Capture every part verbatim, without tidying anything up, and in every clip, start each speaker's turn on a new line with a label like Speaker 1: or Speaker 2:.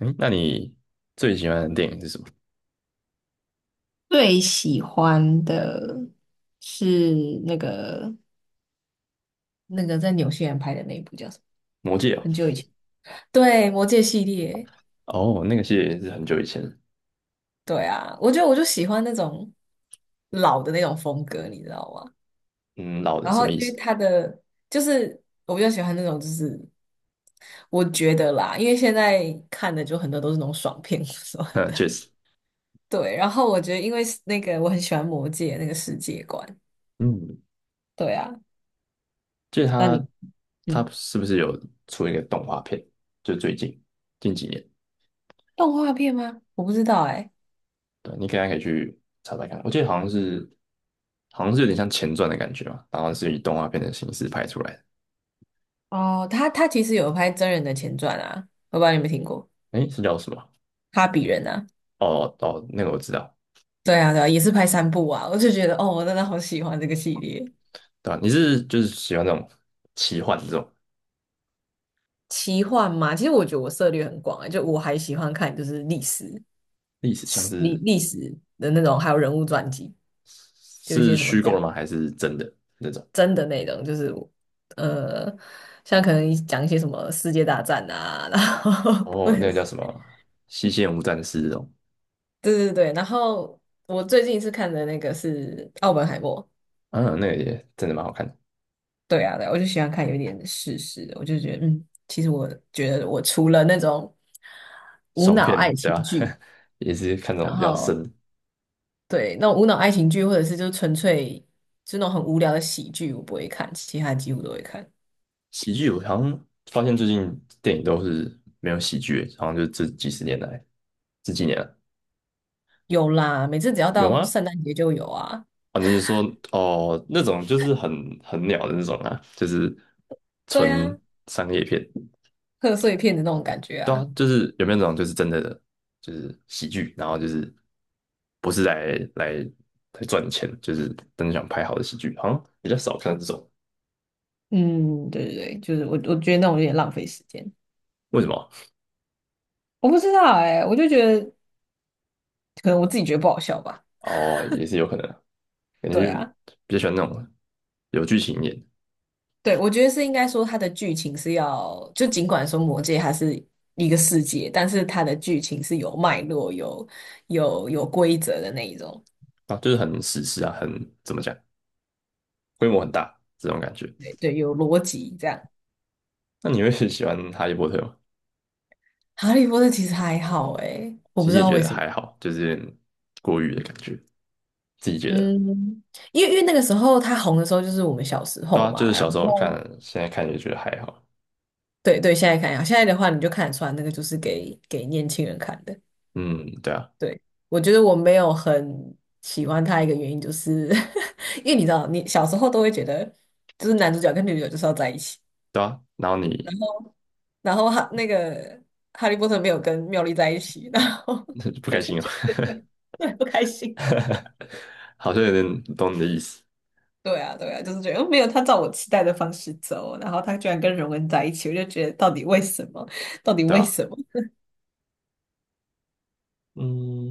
Speaker 1: 嗯，那你最喜欢的电影是什么？
Speaker 2: 最喜欢的是那个那个在纽西兰拍的那一部叫什么？
Speaker 1: 魔戒哦。
Speaker 2: 很久以前。对，魔戒系列，
Speaker 1: 哦，那个系列也是很久以前。
Speaker 2: 对啊，我觉得我就喜欢那种老的那种风格，你知道吗？
Speaker 1: 嗯，老的
Speaker 2: 然
Speaker 1: 什
Speaker 2: 后
Speaker 1: 么意
Speaker 2: 因为
Speaker 1: 思？
Speaker 2: 它的就是我比较喜欢那种，就是我觉得啦，因为现在看的就很多都是那种爽片，是 吧？
Speaker 1: 嗯，确实。
Speaker 2: 对，然后我觉得因为是那个我很喜欢魔戒那个世界观，
Speaker 1: 嗯，
Speaker 2: 对啊，
Speaker 1: 就是
Speaker 2: 那你
Speaker 1: 他他
Speaker 2: 嗯，
Speaker 1: 是不是有出一个动画片？就最近近几年。
Speaker 2: 动画片吗？我不知道哎、
Speaker 1: 对，你可以可以去查查看。我记得好像是，好像是有点像前传的感觉嘛，然后是以动画片的形式拍出来的。
Speaker 2: 哦，他他其实有拍真人的前传啊，我不知道你有没有听过
Speaker 1: 诶，是叫什么？
Speaker 2: 《哈比人》啊？
Speaker 1: 哦哦，那个我知道。
Speaker 2: 对啊，对啊，也是拍三部啊，我就觉得哦，我真的好喜欢这个系列。
Speaker 1: 对吧？你是就是喜欢那种奇幻这种
Speaker 2: 奇幻嘛，其实我觉得我涉猎很广欸，就我还喜欢看就是历史、
Speaker 1: 历史，像
Speaker 2: 史历
Speaker 1: 是
Speaker 2: 历史的那种，还有人物传记，就一
Speaker 1: 是
Speaker 2: 些什么
Speaker 1: 虚构的
Speaker 2: 战
Speaker 1: 吗？还是真的那种？
Speaker 2: 真的内容，就是呃，像可能讲一些什么世界大战啊，然后 或
Speaker 1: 哦，
Speaker 2: 者
Speaker 1: 那个
Speaker 2: 是
Speaker 1: 叫什么《西线无战事》这种。
Speaker 2: 对对对，然后我最近是看的那个是《奥本海默》，
Speaker 1: 嗯、啊，那个也真的蛮好看的。
Speaker 2: 对啊，对啊我就喜欢看有点事实的，我就觉得，嗯，其实我觉得我除了那种无
Speaker 1: 爽
Speaker 2: 脑
Speaker 1: 片
Speaker 2: 爱
Speaker 1: 对
Speaker 2: 情
Speaker 1: 吧？
Speaker 2: 剧，
Speaker 1: 也是看这种
Speaker 2: 然
Speaker 1: 比较
Speaker 2: 后
Speaker 1: 深的
Speaker 2: 对那种无脑爱情剧，或者是就纯粹就那种很无聊的喜剧，我不会看，其他几乎都会看。
Speaker 1: 喜剧。我好像发现最近电影都是没有喜剧，好像就这几十年来，这几年了
Speaker 2: 有啦，每次只要
Speaker 1: 有
Speaker 2: 到
Speaker 1: 吗？
Speaker 2: 圣诞节就有啊，
Speaker 1: 哦，你是说哦那种就是很很鸟的那种啊，就是
Speaker 2: 对
Speaker 1: 纯
Speaker 2: 啊，
Speaker 1: 商业片。
Speaker 2: 贺岁片的那种感觉
Speaker 1: 对啊，
Speaker 2: 啊，
Speaker 1: 就是有没有那种就是真的就是喜剧，然后就是不是来来来赚钱，就是真的想拍好的喜剧，好像比较少看到这种。
Speaker 2: 嗯，对对对，就是我我觉得那种有点浪费时间，
Speaker 1: 为什么？
Speaker 2: 我不知道哎、我就觉得可能我自己觉得不好笑吧，
Speaker 1: 哦，也是有可能啊。感觉
Speaker 2: 对
Speaker 1: 就
Speaker 2: 啊。
Speaker 1: 比较喜欢那种有剧情一点
Speaker 2: 对，我觉得是应该说它的剧情是要，就尽管说《魔界它是一个世界，但是它的剧情是有脉络、有有有规则的那一种，
Speaker 1: 啊，就是很史诗啊，很怎么讲，规模很大这种感觉。
Speaker 2: 对对，有逻辑这样。
Speaker 1: 那你会 喜欢哈利波特吗？
Speaker 2: 《哈利波特》其实还好诶，我
Speaker 1: 其
Speaker 2: 不
Speaker 1: 实
Speaker 2: 知
Speaker 1: 也
Speaker 2: 道
Speaker 1: 觉
Speaker 2: 为
Speaker 1: 得
Speaker 2: 什么，
Speaker 1: 还好，就是有点过誉的感觉，自己觉得。
Speaker 2: 嗯，因为因为那个时候它红的时候就是我们小时
Speaker 1: 对
Speaker 2: 候
Speaker 1: 啊，就
Speaker 2: 嘛，
Speaker 1: 是
Speaker 2: 然
Speaker 1: 小时候看，
Speaker 2: 后
Speaker 1: 现在看也觉得还好。
Speaker 2: 对对，现在看一下，现在的话你就看得出来，那个就是给给年轻人看的。
Speaker 1: 嗯，对啊。
Speaker 2: 对，我觉得我没有很喜欢他一个原因，就是 因为你知道，你小时候都会觉得，就是男主角跟女主角就是要在一起，
Speaker 1: 对啊。然后你
Speaker 2: 然后哈那个哈利波特没有跟妙丽在一起，然后
Speaker 1: 不
Speaker 2: 我
Speaker 1: 开
Speaker 2: 就
Speaker 1: 心哦，
Speaker 2: 觉得对不开心。
Speaker 1: 好像有点懂你的意思。
Speaker 2: 对啊，对啊，就是觉得嗯没有他照我期待的方式走，然后他居然跟荣恩在一起，我就觉得到底为什么？到底
Speaker 1: 对
Speaker 2: 为
Speaker 1: 吧？
Speaker 2: 什么？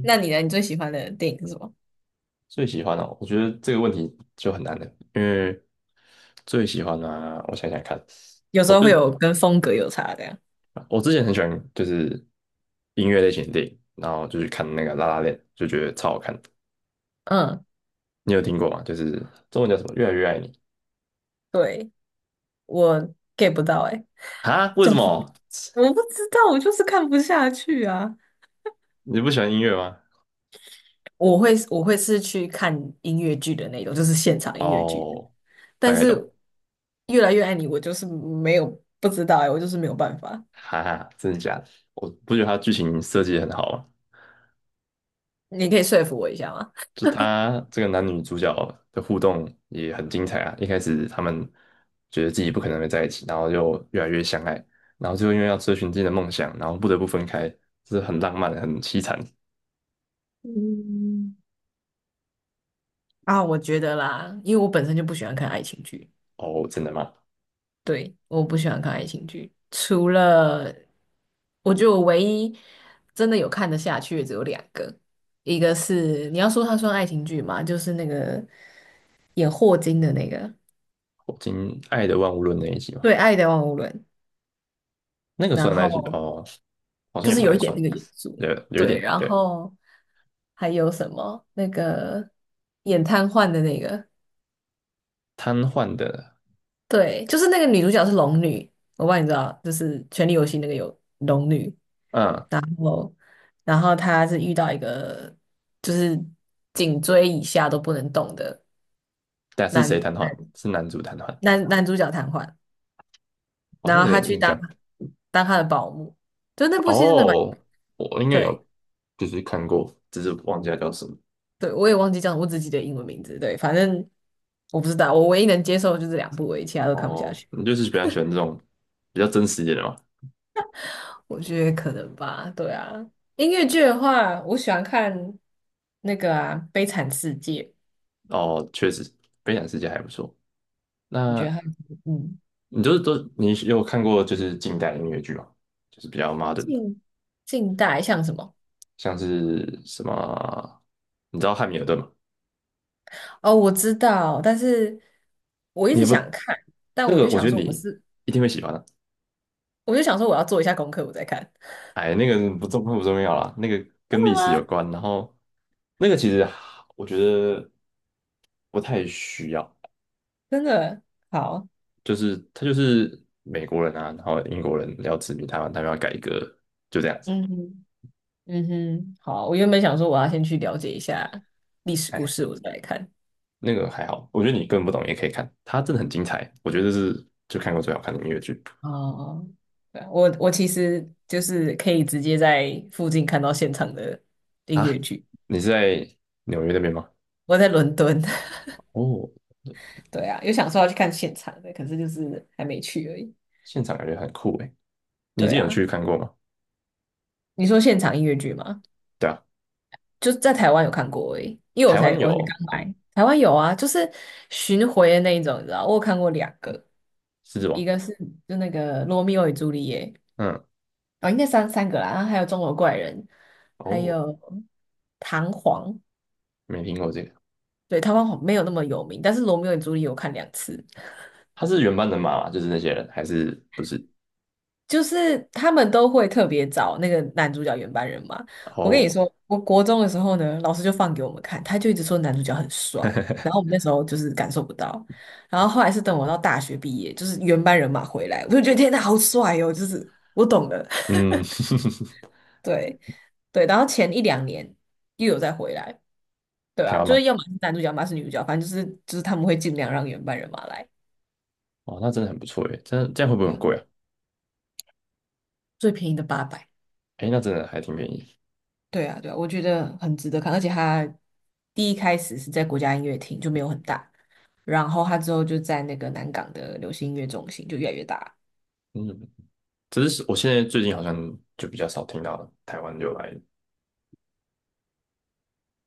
Speaker 2: 那你呢？你最喜欢的电影是什么？
Speaker 1: 最喜欢哦，我觉得这个问题就很难的。因为最喜欢啊，我想想看，
Speaker 2: 有时
Speaker 1: 我
Speaker 2: 候
Speaker 1: 最
Speaker 2: 会有跟风格有差的呀。
Speaker 1: 我之前很喜欢就是音乐类型的电影，然后就去看那个《拉拉链》，就觉得超好看的。
Speaker 2: 嗯，
Speaker 1: 你有听过吗？就是中文叫什么？越来越爱你
Speaker 2: 对。我 get 不到哎、
Speaker 1: 啊？为
Speaker 2: 总
Speaker 1: 什么？
Speaker 2: 我不知道，我就是看不下去啊。
Speaker 1: 你不喜欢音乐吗？
Speaker 2: 我会我会是去看音乐剧的那种，就是现场音乐剧。
Speaker 1: 哦，大
Speaker 2: 但
Speaker 1: 概懂。
Speaker 2: 是越来越爱你，我就是没有不知道哎、我就是没有办法。
Speaker 1: 哈哈，真的假的？我不觉得它剧情设计得很好吗？
Speaker 2: 你可以说服我一下吗？
Speaker 1: 就他这个男女主角的互动也很精彩啊。一开始他们觉得自己不可能会在一起，然后就越来越相爱，然后最后因为要追寻自己的梦想，然后不得不分开，这是很浪漫、很凄惨。
Speaker 2: 嗯，啊，我觉得啦，因为我本身就不喜欢看爱情剧，
Speaker 1: 哦，真的吗？
Speaker 2: 对，我不喜欢看爱情剧，除了我觉得我唯一真的有看得下去的只有两个，一个是你要说它算爱情剧嘛，就是那个演霍金的那个
Speaker 1: 我听《爱的万物论》那一集嘛。
Speaker 2: 《对爱的万物论》，
Speaker 1: 那个
Speaker 2: 然
Speaker 1: 算那一集
Speaker 2: 后
Speaker 1: 哦，好像
Speaker 2: 就
Speaker 1: 也
Speaker 2: 是
Speaker 1: 不
Speaker 2: 有
Speaker 1: 太
Speaker 2: 一点
Speaker 1: 算。
Speaker 2: 那个元素，
Speaker 1: 有有一
Speaker 2: 对，
Speaker 1: 点
Speaker 2: 然
Speaker 1: 对
Speaker 2: 后还有什么那个演瘫痪的那个，
Speaker 1: 瘫痪的。
Speaker 2: 对，就是那个女主角是龙女，我不知道你知道，就是《权力游戏》那个有龙女，
Speaker 1: 嗯，
Speaker 2: 然后然后她是遇到一个就是颈椎以下都不能动的
Speaker 1: 但是谁
Speaker 2: 男
Speaker 1: 瘫痪？
Speaker 2: 男
Speaker 1: 是男主瘫痪。
Speaker 2: 男男主角瘫痪，
Speaker 1: 好
Speaker 2: 然
Speaker 1: 像有
Speaker 2: 后她
Speaker 1: 点
Speaker 2: 去
Speaker 1: 印
Speaker 2: 当
Speaker 1: 象。
Speaker 2: 当他的保姆，就那部戏真的蛮
Speaker 1: 哦，我应该
Speaker 2: 对
Speaker 1: 有，就是看过，只是忘记它叫什么。
Speaker 2: 对，我也忘记叫什么我自己的英文名字，对，反正我不知道，我唯一能接受就是两部而已，其他都看不下
Speaker 1: 哦，
Speaker 2: 去。
Speaker 1: 你就是比较喜欢这种比较真实一点的嘛？
Speaker 2: 我觉得可能吧，对啊。音乐剧的话，我喜欢看那个啊《悲惨世界》，
Speaker 1: 哦，确实，悲惨世界还不错。
Speaker 2: 我觉得
Speaker 1: 那
Speaker 2: 它嗯，
Speaker 1: 你就是都你有看过就是近代音乐剧吗？就是比较 modern 的，
Speaker 2: 近近代像什么？
Speaker 1: 像是什么，你知道汉密尔顿吗？
Speaker 2: 哦，我知道，但是我一
Speaker 1: 你
Speaker 2: 直
Speaker 1: 也不
Speaker 2: 想看，但
Speaker 1: 那
Speaker 2: 我就
Speaker 1: 个，我
Speaker 2: 想
Speaker 1: 觉得
Speaker 2: 说我
Speaker 1: 你
Speaker 2: 是，
Speaker 1: 一定会喜欢的。
Speaker 2: 我就想说我要做一下功课，我再看。
Speaker 1: 哎，那个不重不重要啦，那个
Speaker 2: 真
Speaker 1: 跟历
Speaker 2: 的
Speaker 1: 史有
Speaker 2: 吗？
Speaker 1: 关，然后那个其实我觉得不太需要。
Speaker 2: 真的好，
Speaker 1: 就是他就是美国人啊，然后英国人要殖民台湾，他们要改革，就这样子。
Speaker 2: 嗯哼，嗯哼，好。我原本想说我要先去了解一下历史故
Speaker 1: 哎，
Speaker 2: 事，我再来看。
Speaker 1: 那个还好，我觉得你根本不懂也可以看，它真的很精彩，我觉得这是就看过最好看的音乐剧
Speaker 2: 哦，哦对啊我我其实就是可以直接在附近看到现场的音
Speaker 1: 啊。
Speaker 2: 乐剧。
Speaker 1: 你是在纽约那边吗？
Speaker 2: 我在伦敦，
Speaker 1: 哦，
Speaker 2: 对啊，有想说要去看现场的，可是就是还没去而已。
Speaker 1: 现场感觉很酷诶。你之
Speaker 2: 对
Speaker 1: 前有
Speaker 2: 啊，
Speaker 1: 去看过吗？
Speaker 2: 你说现场音乐剧吗？
Speaker 1: 对啊，
Speaker 2: 就是在台湾有看过而已因为我
Speaker 1: 台
Speaker 2: 才
Speaker 1: 湾
Speaker 2: 我才
Speaker 1: 有
Speaker 2: 刚来，台湾有啊，就是巡回的那一种，你知道，我有看过两个，
Speaker 1: 《狮子王》。
Speaker 2: 一个是就那个《罗密欧与朱丽叶》，
Speaker 1: 嗯。
Speaker 2: 哦，应该三三个啦，然后还有《钟楼怪人》，还
Speaker 1: 哦，
Speaker 2: 有《唐璜》，
Speaker 1: 没听过这个。
Speaker 2: 对，台湾好没有那么有名，但是《罗密欧与朱丽叶》我看两次，
Speaker 1: 他是原班人马吗？就是那些人，还是不是？
Speaker 2: 就是他们都会特别找那个男主角原班人马。我跟你
Speaker 1: 哦。
Speaker 2: 说，我国中的时候呢，老师就放给我们看，他就一直说男主角很帅，然后我们那时候就是感受不到，然后后来是等我到大学毕业，就是原班人马回来，我就觉得天呐，好帅哦！就是我懂了，
Speaker 1: 嗯，
Speaker 2: 对对，然后前一两年又有再回来，对
Speaker 1: 台
Speaker 2: 吧、
Speaker 1: 湾
Speaker 2: 就是
Speaker 1: 吗？
Speaker 2: 要么是男主角，要么是女主角，反正就是就是他们会尽量让原班人马来，
Speaker 1: 哦，那真的很不错诶，真的这样会不会
Speaker 2: 这
Speaker 1: 很
Speaker 2: 样
Speaker 1: 贵啊？
Speaker 2: 最便宜的八百。
Speaker 1: 哎，那真的还挺便宜。
Speaker 2: 对啊，对啊，我觉得很值得看，而且他第一开始是在国家音乐厅，就没有很大，然后他之后就在那个南港的流行音乐中心就越来越大，
Speaker 1: 嗯，只是我现在最近好像就比较少听到台湾就来。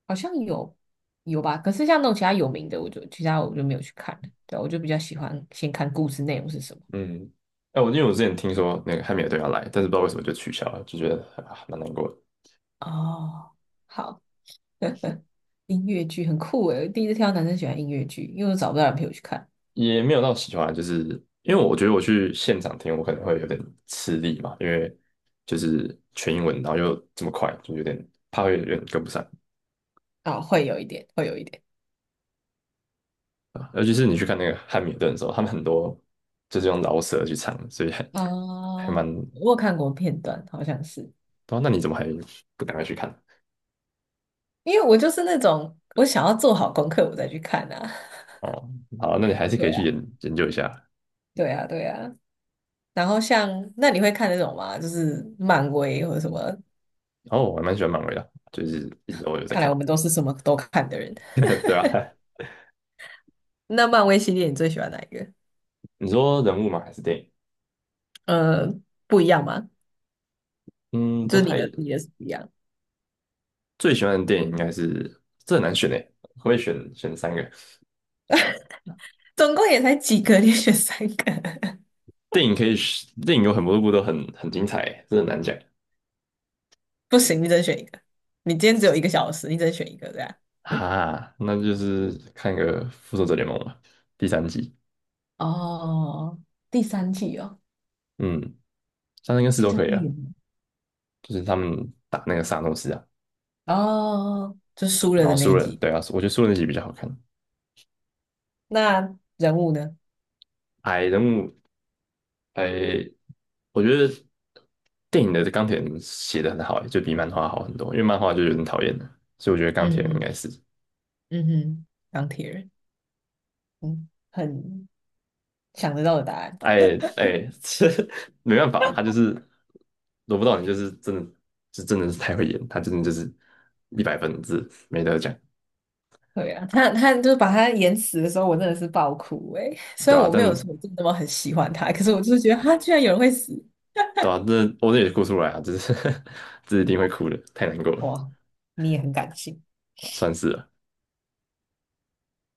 Speaker 2: 好像有有吧，可是像那种其他有名的，我就其他我就没有去看了，对啊我就比较喜欢先看故事内容是什么。
Speaker 1: 嗯。哎，我因为我之前听说那个汉密尔顿要来，但是不知道为什么就取消了，就觉得啊蛮难过的。
Speaker 2: 哦，好，音乐剧很酷诶，我第一次听到男生喜欢音乐剧，因为我找不到人陪我去看，
Speaker 1: 也没有到喜欢，就是因为我觉得我去现场听，我可能会有点吃力嘛，因为就是全英文，然后又这么快，就有点怕会有点跟不上
Speaker 2: 啊、会有一点，会有一点，
Speaker 1: 啊。尤其是你去看那个汉密尔顿的时候，他们很多就是用饶舌去唱，所以还还
Speaker 2: 啊、
Speaker 1: 蛮……
Speaker 2: 我有看过片段，好像是。
Speaker 1: 哦，那你怎么还不赶快去看？
Speaker 2: 因为我就是那种我想要做好功课我再去看啊。
Speaker 1: 哦，好，那你还 是可
Speaker 2: 对
Speaker 1: 以去
Speaker 2: 啊，
Speaker 1: 研研究一下。
Speaker 2: 对啊，对啊。然后像那你会看那种吗？就是漫威或者什么？
Speaker 1: 哦，我还蛮喜欢漫威的，就是一直都有在
Speaker 2: 看来
Speaker 1: 看。
Speaker 2: 我们都是什么都看的人。
Speaker 1: 对吧、啊
Speaker 2: 那漫威系列你最喜欢哪一个？
Speaker 1: 你说人物吗？还是电影？
Speaker 2: 呃，不一样吗？
Speaker 1: 嗯，
Speaker 2: 就
Speaker 1: 不
Speaker 2: 是你
Speaker 1: 太
Speaker 2: 的你的是不一样，
Speaker 1: 最喜欢的电影应该是这很难选诶，可不可以选选三个？
Speaker 2: 总共也才几个，你选三个，
Speaker 1: 电影可以选，电影有很多部都很很精彩欸，这很难讲
Speaker 2: 不行，你只能选一个。你今天只有一个小时，你只能选一个，这样。嗯，
Speaker 1: 哈。那就是看个《复仇者联盟》吧，第三季。
Speaker 2: 哦，第三季哦，
Speaker 1: 嗯，三跟四
Speaker 2: 第
Speaker 1: 都可
Speaker 2: 三
Speaker 1: 以
Speaker 2: 季
Speaker 1: 啊，
Speaker 2: 有吗
Speaker 1: 就是他们打那个萨诺斯啊。
Speaker 2: 哦，就输了
Speaker 1: 然
Speaker 2: 的
Speaker 1: 后
Speaker 2: 那
Speaker 1: 输
Speaker 2: 一
Speaker 1: 了，
Speaker 2: 集。
Speaker 1: 对啊，我觉得输了那集比较好看。
Speaker 2: 那人物呢？
Speaker 1: 哎，人物哎，我觉得电影的钢铁人写的很好欸，就比漫画好很多。因为漫画就有点讨厌了，所以我觉得钢
Speaker 2: 嗯
Speaker 1: 铁人应
Speaker 2: 哼，
Speaker 1: 该是，
Speaker 2: 嗯哼，钢铁人，嗯，很想得到的答案。
Speaker 1: 哎哎，这没办法，他就是罗不到你，就是真的。是真的是太会演，他真的就是一百分制，这没得讲。
Speaker 2: 对啊，他他就是把他演死的时候，我真的是爆哭诶、虽
Speaker 1: 对
Speaker 2: 然
Speaker 1: 啊？
Speaker 2: 我
Speaker 1: 但
Speaker 2: 没有说我真的那么很喜欢他，可是我就是觉得他居然有人会死，
Speaker 1: 对啊，这我这也哭出来啊，就是 这一定会哭的，太难过了。
Speaker 2: 哇！你也很感性。
Speaker 1: 算是了。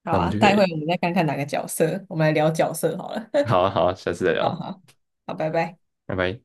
Speaker 2: 好
Speaker 1: 那我们
Speaker 2: 啊，
Speaker 1: 就可
Speaker 2: 待会
Speaker 1: 以，
Speaker 2: 我们再看看哪个角色，我们来聊角色好了。
Speaker 1: 好啊好啊，下次再
Speaker 2: 好
Speaker 1: 聊，
Speaker 2: 好好，拜拜。
Speaker 1: 拜拜。